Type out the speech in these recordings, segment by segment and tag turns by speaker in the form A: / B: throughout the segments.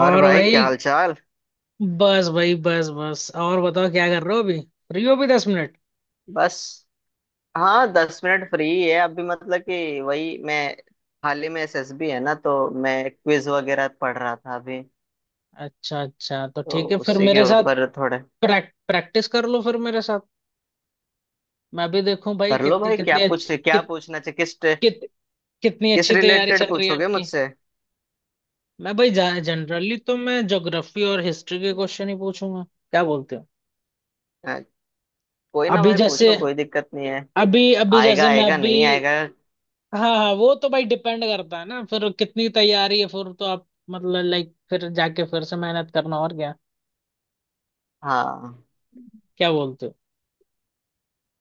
A: और भाई, क्या
B: भाई।
A: हाल चाल?
B: बस भाई, बस बस। और बताओ, क्या कर रहे हो? अभी फ्री हो भी? 10 मिनट?
A: बस। हाँ, दस मिनट फ्री है अभी। मतलब कि वही, मैं हाल ही में एसएसबी है ना, तो मैं क्विज वगैरह पढ़ रहा था अभी।
B: अच्छा अच्छा, तो
A: तो
B: ठीक है फिर
A: उसी के
B: मेरे साथ
A: ऊपर थोड़े
B: प्रैक्टिस कर लो। फिर मेरे साथ मैं भी देखूं भाई,
A: कर लो
B: कितनी
A: भाई।
B: कितनी अच्छी
A: क्या पूछना चाहिए, किस
B: कित, कितनी
A: किस
B: अच्छी तैयारी
A: रिलेटेड
B: चल रही है
A: पूछोगे
B: आपकी।
A: मुझसे?
B: मैं भाई जनरली तो मैं ज्योग्राफी और हिस्ट्री के क्वेश्चन ही पूछूंगा, क्या बोलते हो?
A: अ, कोई ना
B: अभी
A: भाई,
B: जैसे,
A: पूछो। कोई दिक्कत नहीं है।
B: अभी अभी
A: आएगा,
B: जैसे मैं
A: आएगा
B: अभी।
A: नहीं आएगा?
B: हाँ हाँ, वो तो भाई डिपेंड करता है ना, फिर कितनी तैयारी है, फिर तो आप मतलब लाइक, फिर जाके फिर से मेहनत करना और क्या,
A: हाँ,
B: क्या बोलते हो?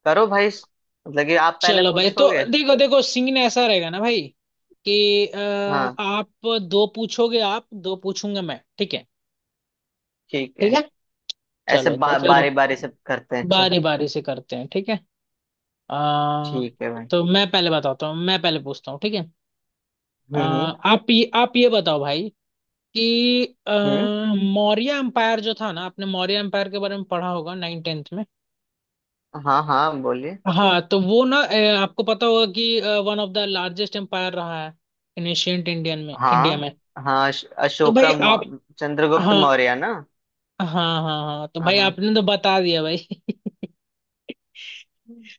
A: करो भाई। मतलब कि आप पहले
B: चलो भाई, तो
A: पूछोगे।
B: देखो देखो सीन ऐसा रहेगा ना भाई, कि
A: हाँ,
B: आप दो पूछोगे, आप दो पूछूंगा मैं, ठीक है?
A: ठीक
B: ठीक
A: है।
B: है। चलो तो फिर
A: बारी बारी से करते हैं, अच्छा।
B: बारी बारी से करते हैं ठीक है। आ,
A: ठीक है भाई।
B: तो मैं पहले बताता हूँ, मैं पहले पूछता हूँ, ठीक है।
A: हम्म। हम्म।
B: आप ये बताओ भाई कि
A: हम्म।
B: मौर्य एम्पायर जो था ना, आपने मौर्य एम्पायर के बारे में पढ़ा होगा नाइन टेंथ में।
A: हाँ हाँ, बोलिए।
B: हाँ, तो वो ना आपको पता होगा कि one of the largest empire रहा है इन एशियंट इंडियन में, इंडिया
A: हाँ
B: में।
A: हाँ,
B: तो भाई
A: अशोका,
B: आप,
A: चंद्रगुप्त
B: हाँ,
A: मौर्य ना।
B: हाँ, हाँ हाँ, तो
A: हाँ
B: भाई
A: हाँ।
B: आपने तो बता दिया भाई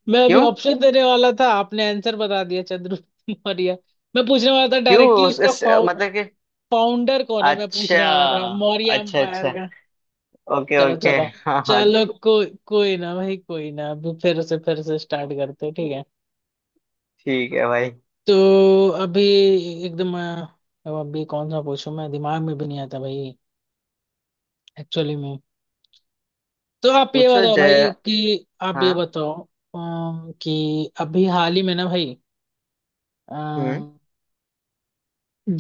B: मैं अभी
A: क्यों?
B: ऑप्शन देने वाला था, आपने आंसर बता दिया, चंद्रगुप्त मौर्य। मैं पूछने वाला था
A: क्यों?
B: डायरेक्टली उसका
A: मतलब कि
B: फाउंडर कौन है, मैं
A: अच्छा।
B: पूछने वाला था मौर्य
A: अच्छा।
B: एम्पायर।
A: अच्छा। ओके
B: चलो
A: ओके।
B: चलो।
A: हाँ हाँ।
B: चलो, कोई कोई ना भाई, कोई ना, अभी फिर से स्टार्ट करते हैं ठीक है।
A: ठीक है भाई,
B: तो अभी एकदम अब अभी कौन सा पूछूं, मैं दिमाग में भी नहीं आता भाई, एक्चुअली में। तो आप ये
A: पूछो
B: बताओ
A: जय।
B: भाई कि आप ये
A: हाँ।
B: बताओ कि अभी हाल ही में ना भाई,
A: हम्म।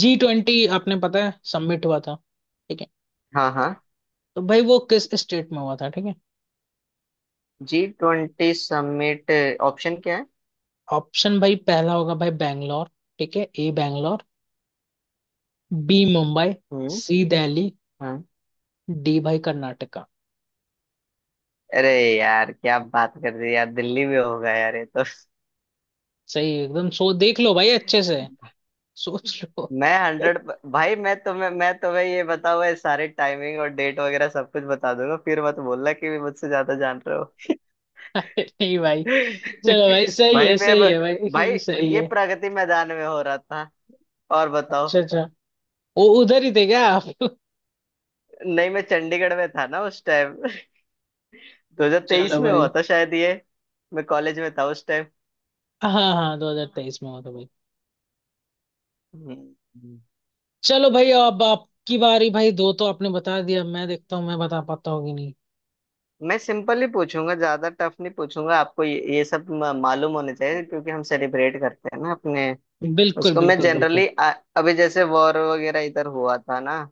B: G20 आपने पता है सबमिट हुआ था, ठीक है।
A: हाँ हाँ,
B: तो भाई वो किस स्टेट में हुआ था, ठीक है।
A: G twenty summit. ऑप्शन क्या है?
B: ऑप्शन भाई पहला होगा भाई बैंगलोर, ठीक है। ए बैंगलोर, बी मुंबई,
A: हम्म।
B: सी दिल्ली,
A: हाँ।
B: डी भाई कर्नाटका।
A: अरे यार, क्या बात कर रही है यार। दिल्ली में होगा यार ये तो।
B: सही एकदम, सो देख लो भाई अच्छे से, सोच लो।
A: मैं हंड्रेड भाई, मैं तुम्हें ये बताऊँ, सारे टाइमिंग और डेट वगैरह सब कुछ बता दूंगा। फिर मत बोलना कि भी मुझसे ज्यादा जान रहे हो।
B: अरे नहीं भाई। चलो भाई सही
A: भाई
B: है,
A: मैं
B: सही है भाई
A: भाई,
B: सही
A: ये
B: है।
A: प्रगति मैदान में हो रहा था। और बताओ।
B: अच्छा अच्छा, वो उधर ही थे क्या आप?
A: नहीं, मैं चंडीगढ़ में था ना उस टाइम। 2023
B: चलो
A: में
B: भाई।
A: हुआ था शायद ये। मैं कॉलेज में था उस टाइम।
B: हाँ हाँ, 2023 में हुआ था भाई।
A: हम्म।
B: चलो भाई, अब आपकी बारी भाई, दो तो आपने बता दिया, मैं देखता हूँ मैं बता पाता होगी नहीं।
A: मैं सिंपल ही पूछूंगा, ज्यादा टफ नहीं पूछूंगा। आपको ये सब मालूम होने चाहिए, क्योंकि हम सेलिब्रेट करते हैं ना अपने
B: बिल्कुल
A: उसको। मैं
B: बिल्कुल बिल्कुल।
A: जनरली अभी जैसे वॉर वगैरह इधर हुआ था ना,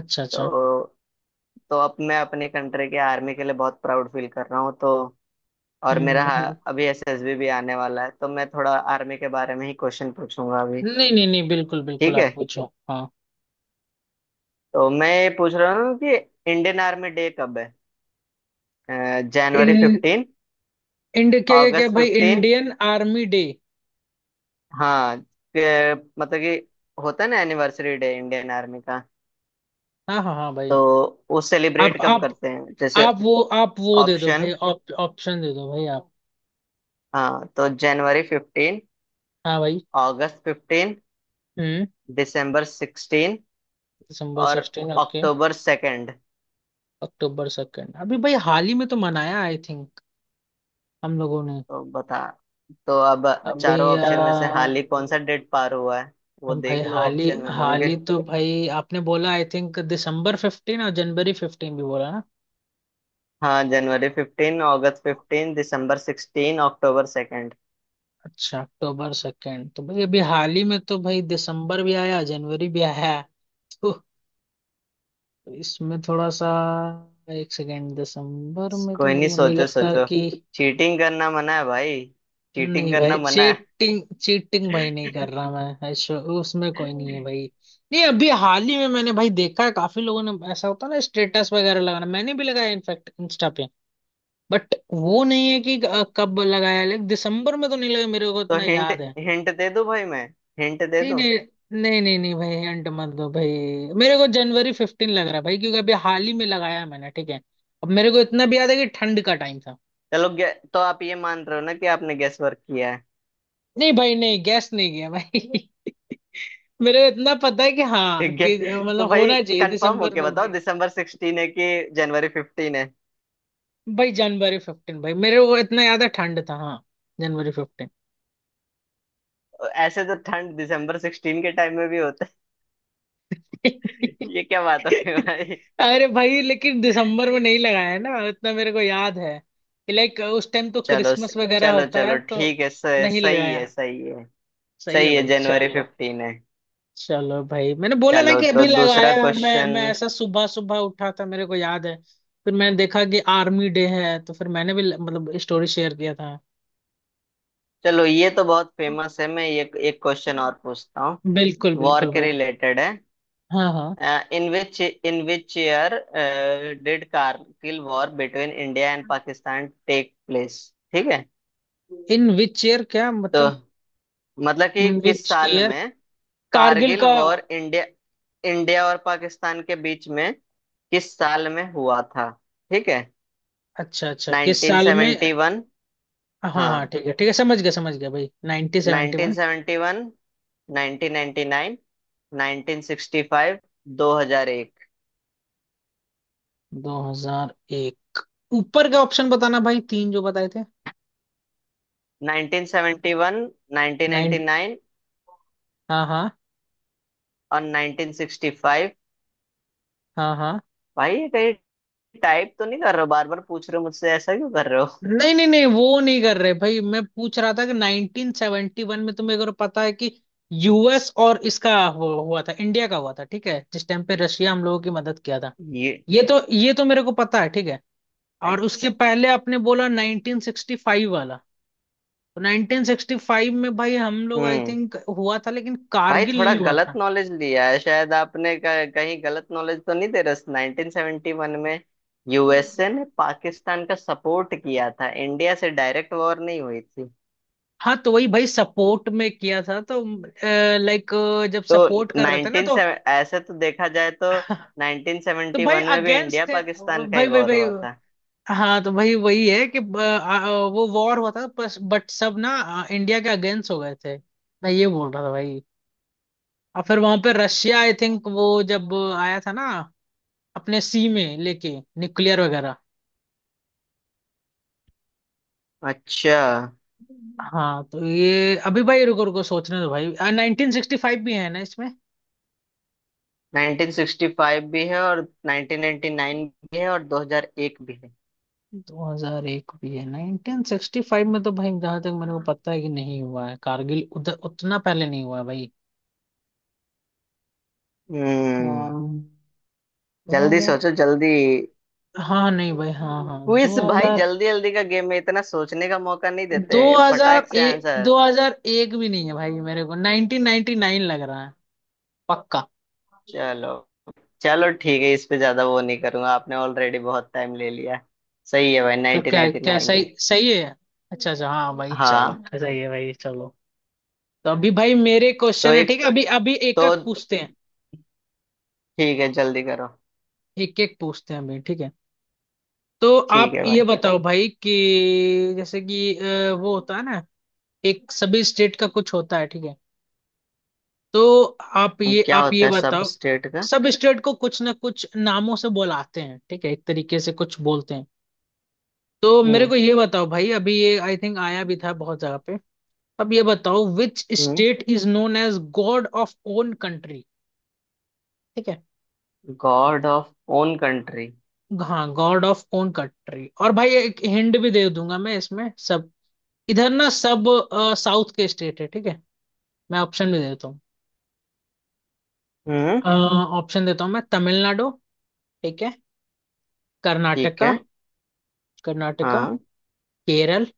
B: अच्छा अच्छा।
A: तो तो अब मैं अपने कंट्री के आर्मी के लिए बहुत प्राउड फील कर रहा हूँ। तो और
B: हम्म
A: मेरा,
B: हम्म, हम्म।
A: हाँ, अभी एसएसबी भी आने वाला है, तो मैं थोड़ा आर्मी के बारे में ही क्वेश्चन पूछूंगा अभी।
B: नहीं नहीं नहीं, बिल्कुल बिल्कुल,
A: ठीक है।
B: आप पूछो। हाँ।
A: तो मैं ये पूछ रहा हूँ कि इंडियन आर्मी डे कब है? जनवरी
B: इन
A: फिफ्टीन,
B: इंड क्या क्या क्या
A: अगस्त
B: भाई,
A: फिफ्टीन।
B: Indian army day.
A: हाँ। मतलब कि होता है ना एनिवर्सरी डे इंडियन आर्मी का।
B: हाँ हाँ हाँ भाई।
A: तो वो
B: आप
A: सेलिब्रेट कब
B: आप
A: करते हैं जैसे?
B: आप वो दे दो भाई,
A: ऑप्शन।
B: ऑप्शन दे दो भाई आप।
A: हाँ, तो जनवरी फिफ्टीन,
B: हाँ भाई।
A: अगस्त फिफ्टीन,
B: हम्म।
A: दिसंबर सिक्सटीन
B: दिसंबर
A: और
B: सिक्सटीन, ओके।
A: अक्टूबर सेकेंड।
B: अक्टूबर सेकेंड। अभी भाई हाल ही में तो मनाया आई थिंक, हम लोगों ने।
A: तो बता। तो अब चारों
B: अभी
A: ऑप्शन में से हाल ही कौन सा डेट पार हुआ है, वो
B: हम भाई
A: देख लो,
B: हाल ही,
A: ऑप्शन में
B: हाल
A: होंगे।
B: ही तो भाई आपने बोला आई थिंक दिसंबर फिफ्टीन, और जनवरी फिफ्टीन भी बोला ना।
A: हाँ, जनवरी फिफ्टीन, अगस्त फिफ्टीन, दिसंबर सिक्सटीन, अक्टूबर सेकेंड।
B: अच्छा, अक्टूबर सेकेंड तो भाई अभी हाल ही में तो भाई, दिसंबर भी आया, जनवरी भी आया। तो तो इसमें थोड़ा सा, एक सेकेंड, दिसंबर में तो
A: कोई
B: मेरे
A: नहीं,
B: को नहीं
A: सोचो
B: लगता
A: सोचो।
B: कि।
A: चीटिंग करना मना है भाई। चीटिंग
B: नहीं
A: करना
B: भाई,
A: मना है।
B: चीटिंग चीटिंग भाई नहीं कर रहा मैं, ऐसा- उसमें कोई नहीं है भाई। नहीं, अभी हाल ही में मैंने भाई देखा है, काफी लोगों ने ऐसा होता है ना, स्टेटस वगैरह लगाना, मैंने भी लगाया इनफैक्ट इंस्टा पे। बट वो नहीं है कि कब लगाया, लेकिन दिसंबर में तो नहीं लगा, मेरे को
A: तो
B: इतना
A: हिंट,
B: याद है।
A: हिंट दे दूं भाई मैं? हिंट दे
B: नहीं
A: दूं?
B: नहीं, नहीं भाई, हिंट मत दो भाई। मेरे को जनवरी फिफ्टीन लग रहा है भाई, क्योंकि अभी हाल ही में लगाया है मैंने, ठीक है। अब मेरे को इतना भी याद है कि ठंड का टाइम था।
A: चलो गे- तो आप ये मान रहे हो ना कि आपने गेस वर्क किया है।
B: नहीं भाई, नहीं गैस नहीं किया भाई मेरे को इतना पता है कि हाँ,
A: ठीक है,
B: कि
A: तो
B: मतलब
A: भाई
B: होना चाहिए
A: कंफर्म
B: दिसंबर
A: होके
B: में।
A: बताओ, दिसंबर सिक्सटीन है कि जनवरी फिफ्टीन है?
B: भाई जनवरी फिफ्टीन भाई, मेरे को इतना याद है ठंड था, हाँ, जनवरी फिफ्टीन।
A: ऐसे तो ठंड दिसंबर सिक्सटीन के टाइम में भी होता है, ये क्या बात हो गई भाई।
B: अरे भाई, लेकिन दिसंबर में नहीं लगाया है ना, इतना मेरे को याद है। लाइक, उस टाइम तो
A: चलो।
B: क्रिसमस वगैरह
A: चलो,
B: होता है
A: चलो,
B: तो
A: ठीक है,
B: नहीं
A: सही है,
B: लगाया।
A: सही है।
B: सही है
A: सही है,
B: भाई
A: जनवरी
B: चलो।
A: फिफ्टीन है।
B: चलो भाई, मैंने बोला ना
A: चलो,
B: कि
A: तो
B: अभी
A: दूसरा
B: लगाया, मैं
A: क्वेश्चन।
B: मैं ऐसा सुबह सुबह उठा था, मेरे को याद है। फिर मैंने देखा कि आर्मी डे है, तो फिर मैंने भी मतलब स्टोरी शेयर किया था।
A: चलो, ये तो बहुत फेमस है, मैं ये एक क्वेश्चन और पूछता हूँ।
B: बिल्कुल
A: वॉर
B: बिल्कुल
A: के
B: भाई।
A: रिलेटेड है।
B: हाँ हाँ।
A: In which year did Kargil war between India and Pakistan take place? ठीक है।
B: इन विच ईयर क्या
A: तो
B: मतलब?
A: मतलब कि
B: इन
A: किस
B: विच
A: साल
B: ईयर,
A: में
B: कारगिल
A: कारगिल
B: का।
A: वॉर, इंडिया इंडिया और पाकिस्तान के बीच में, किस साल में हुआ था? ठीक है।
B: अच्छा अच्छा, किस साल में।
A: 1971,
B: हाँ
A: हाँ,
B: हाँ, ठीक है ठीक है, समझ गया भाई, 1971।
A: 1971, 1999, 1965, 2001।
B: 2001, ऊपर का ऑप्शन बताना भाई, तीन जो बताए थे।
A: 1971,
B: नाइन।
A: 1999
B: हाँ, हाँ,
A: और 1965।
B: हाँ हाँ।
A: भाई, ये कहीं टाइप तो नहीं कर रहे हो, बार बार पूछ रहे हो मुझसे, ऐसा क्यों कर रहे हो?
B: नहीं नहीं नहीं, वो नहीं कर रहे भाई, मैं पूछ रहा था कि 1971 में तुम्हें अगर पता है कि, यूएस और इसका हुआ था, इंडिया का हुआ था, ठीक है, जिस टाइम पे रशिया हम लोगों की मदद किया था।
A: ये
B: ये तो, ये तो मेरे को पता है ठीक है। और उसके
A: अच्छा।
B: पहले आपने बोला 1965 वाला। तो 1965 में भाई हम लोग आई
A: हम्म।
B: थिंक हुआ था, लेकिन
A: भाई,
B: कारगिल
A: थोड़ा
B: नहीं हुआ
A: गलत
B: था।
A: नॉलेज लिया है शायद आपने, कहीं गलत नॉलेज तो नहीं दे रहा। 1971 में यूएसए ने पाकिस्तान का सपोर्ट किया था, इंडिया से डायरेक्ट वॉर नहीं हुई थी।
B: हाँ, तो वही भाई, सपोर्ट में किया था तो, लाइक, जब
A: तो
B: सपोर्ट कर रहे थे ना
A: 19
B: तो
A: ऐसे तो देखा जाए तो
B: तो भाई
A: 1971 में भी इंडिया
B: अगेंस्ट थे
A: पाकिस्तान का ही
B: भाई, भाई
A: वॉर
B: भाई।
A: हुआ था।
B: हाँ, तो वही वही है कि ब- आ, आ, वो वॉर हुआ था बस, बट सब ना इंडिया के अगेंस्ट हो गए थे, मैं ये बोल रहा था भाई। और फिर वहां पे रशिया आई थिंक, वो जब आया था ना, अपने सी में लेके, न्यूक्लियर वगैरह।
A: अच्छा।
B: हाँ तो ये अभी भाई, रुको रुको, सोचने दो भाई, 1965 भी है ना इसमें,
A: 1965 भी है, और 1999 भी है, और 2001 भी है।
B: 2001 भी है। 1965 में तो भाई जहां तक मेरे को पता है कि नहीं हुआ है कारगिल, उधर उतना पहले नहीं हुआ है भाई। दो
A: हम्म। जल्दी
B: हजार,
A: सोचो, जल्दी।
B: हाँ नहीं भाई, हाँ हाँ दो
A: क्विज भाई,
B: हजार
A: जल्दी जल्दी का गेम में इतना सोचने का मौका नहीं देते।
B: 2000
A: फटाक से आंसर।
B: 2001 भी नहीं है भाई, मेरे को 1999 लग रहा है पक्का।
A: चलो। चलो ठीक है, इस पे ज्यादा वो नहीं करूंगा, आपने ऑलरेडी बहुत टाइम ले लिया है। सही है भाई,
B: तो क्या,
A: 1999
B: क्या
A: नाइन
B: सही,
A: है।
B: सही है? अच्छा अच्छा, हाँ भाई चलो,
A: हाँ।
B: सही है भाई चलो। तो अभी भाई मेरे
A: तो
B: क्वेश्चन है
A: एक,
B: ठीक है, अभी अभी
A: तो
B: एक एक पूछते हैं,
A: ठीक है, जल्दी करो।
B: एक एक पूछते हैं अभी ठीक है। तो
A: ठीक
B: आप
A: है
B: ये
A: भाई।
B: बताओ भाई कि, जैसे कि वो होता है ना, एक सभी स्टेट का कुछ होता है ठीक है। तो आप ये
A: क्या
B: आप ये
A: होता है सब
B: बताओ।
A: स्टेट का?
B: सब स्टेट को कुछ ना कुछ नामों से बुलाते हैं, ठीक है, एक तरीके से कुछ बोलते हैं। तो मेरे
A: हम्म।
B: को ये बताओ भाई, अभी ये आई थिंक आया भी था बहुत जगह पे। अब ये बताओ, which state is known as god of own country, ठीक है।
A: God of own country.
B: हाँ, गॉड ऑफ ओन कंट्री। और भाई, एक हिंट भी दे दूंगा मैं, इसमें सब, इधर ना, सब साउथ के स्टेट है ठीक है। मैं ऑप्शन भी देता हूँ।
A: हम्म।
B: अ, ऑप्शन देता हूँ मैं, तमिलनाडु, ठीक है,
A: ठीक
B: कर्नाटका,
A: है।
B: कर्नाटका,
A: हाँ।
B: केरल,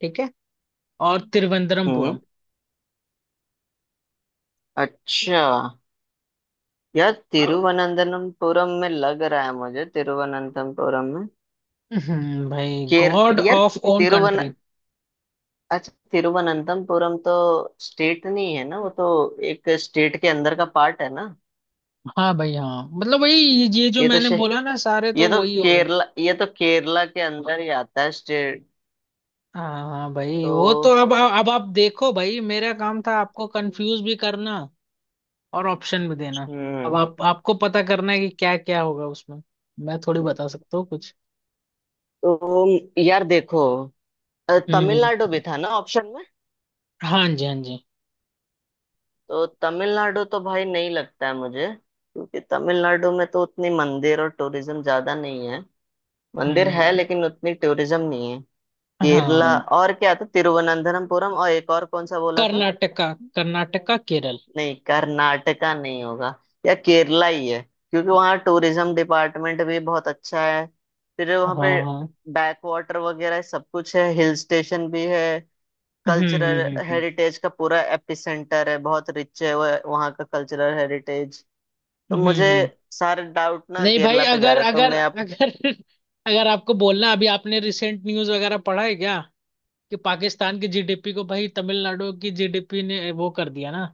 B: ठीक है, और
A: हम्म।
B: तिरुवनंतपुरम।
A: अच्छा, यार, तिरुवनंतपुरम में लग रहा है मुझे, तिरुवनंतपुरम।
B: भाई,
A: केर,
B: गॉड
A: यार,
B: ऑफ ओन
A: तिरुवन,
B: कंट्री।
A: अच्छा, तिरुवनंतमपुरम तो स्टेट नहीं है ना वो तो, एक स्टेट के अंदर का पार्ट है ना।
B: हाँ भाई हाँ, मतलब वही, ये जो
A: ये तो
B: मैंने
A: शे,
B: बोला ना सारे, तो
A: ये तो
B: वही हो गए।
A: केरला, ये तो केरला के अंदर ही आता है स्टेट।
B: हाँ हाँ भाई, वो तो।
A: तो
B: अब आप देखो भाई, मेरा काम था आपको कंफ्यूज भी करना और ऑप्शन भी देना, अब
A: हम्म।
B: आप, आपको पता करना है कि क्या क्या होगा उसमें, मैं थोड़ी बता सकता हूँ कुछ।
A: तो यार देखो,
B: हम्म।
A: तमिलनाडु भी था ना ऑप्शन में।
B: हाँ जी, हाँ जी।
A: तो तमिलनाडु तो भाई नहीं लगता है मुझे, क्योंकि तमिलनाडु में तो उतनी मंदिर और टूरिज्म ज्यादा नहीं है। मंदिर
B: हम्म
A: है,
B: हम्म,
A: लेकिन उतनी टूरिज्म नहीं है। केरला,
B: हाँ।
A: और क्या था, तिरुवनंतपुरम, और एक और कौन सा बोला था।
B: कर्नाटका, कर्नाटका, केरल।
A: नहीं, कर्नाटका नहीं होगा, या केरला ही है, क्योंकि वहाँ टूरिज्म डिपार्टमेंट भी बहुत अच्छा है। फिर
B: हाँ
A: वहाँ पे
B: हाँ।
A: बैक वाटर वगैरह सब कुछ है, हिल स्टेशन भी है।
B: हम्म
A: कल्चरल
B: हम्म।
A: हेरिटेज का पूरा एपिसेंटर है, बहुत रिच है वहाँ का कल्चरल हेरिटेज। तो
B: हम्म,
A: मुझे
B: हम्म।
A: सारे डाउट ना
B: नहीं भाई,
A: केरला पे जा
B: अगर
A: रहे, तो
B: अगर,
A: मैं अब,
B: अगर अगर आपको बोलना, अभी आपने रिसेंट न्यूज वगैरह पढ़ा है क्या, कि पाकिस्तान की जीडीपी को भाई तमिलनाडु की जीडीपी ने वो कर दिया ना,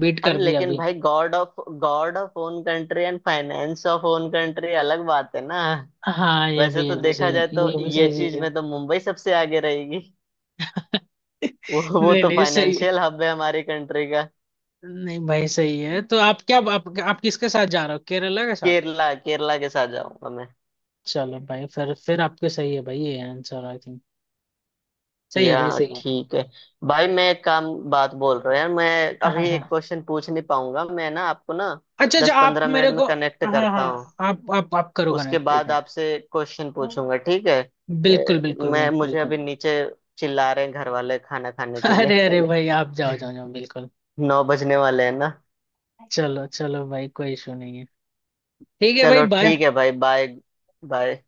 B: बीट
A: अरे
B: कर दिया
A: लेकिन
B: अभी।
A: भाई, god of own country and finance of own country अलग बात है ना।
B: हाँ,
A: वैसे
B: ये
A: तो
B: भी
A: देखा जाए
B: सही,
A: तो
B: ये भी
A: ये
B: सही चीज
A: चीज
B: है।
A: में तो मुंबई सबसे आगे रहेगी। वो
B: नहीं
A: तो
B: नहीं, सही है।
A: फाइनेंशियल हब है हमारी कंट्री का।
B: नहीं भाई सही है। तो आप क्या, आप किसके साथ जा रहे हो, केरला के साथ?
A: केरला, केरला के साथ जाऊंगा मैं।
B: चलो भाई फिर आपके सही है भाई, ये आंसर आई थिंक सही है भाई,
A: या
B: सही है।
A: ठीक है। भाई, मैं एक काम बात बोल रहा हूँ यार, मैं
B: हाँ, हाँ,
A: अभी एक
B: हाँ।
A: क्वेश्चन पूछ नहीं पाऊंगा मैं ना आपको ना।
B: अच्छा अच्छा,
A: दस
B: आप
A: पंद्रह
B: मेरे
A: मिनट में
B: को।
A: कनेक्ट
B: हाँ
A: करता हूँ,
B: हाँ, आप आप करो
A: उसके
B: कनेक्ट, ठीक
A: बाद
B: है।
A: आपसे क्वेश्चन पूछूंगा, ठीक है।
B: बिल्कुल बिल्कुल भाई,
A: मैं मुझे
B: बिल्कुल।
A: अभी नीचे चिल्ला रहे हैं घर वाले, खाना खाने के लिए।
B: अरे अरे भाई, आप जाओ जाओ जाओ, बिल्कुल।
A: नौ बजने वाले हैं ना।
B: चलो चलो भाई, कोई इशू नहीं है। ठीक है भाई,
A: चलो
B: बाय।
A: ठीक है भाई, बाय। बाय।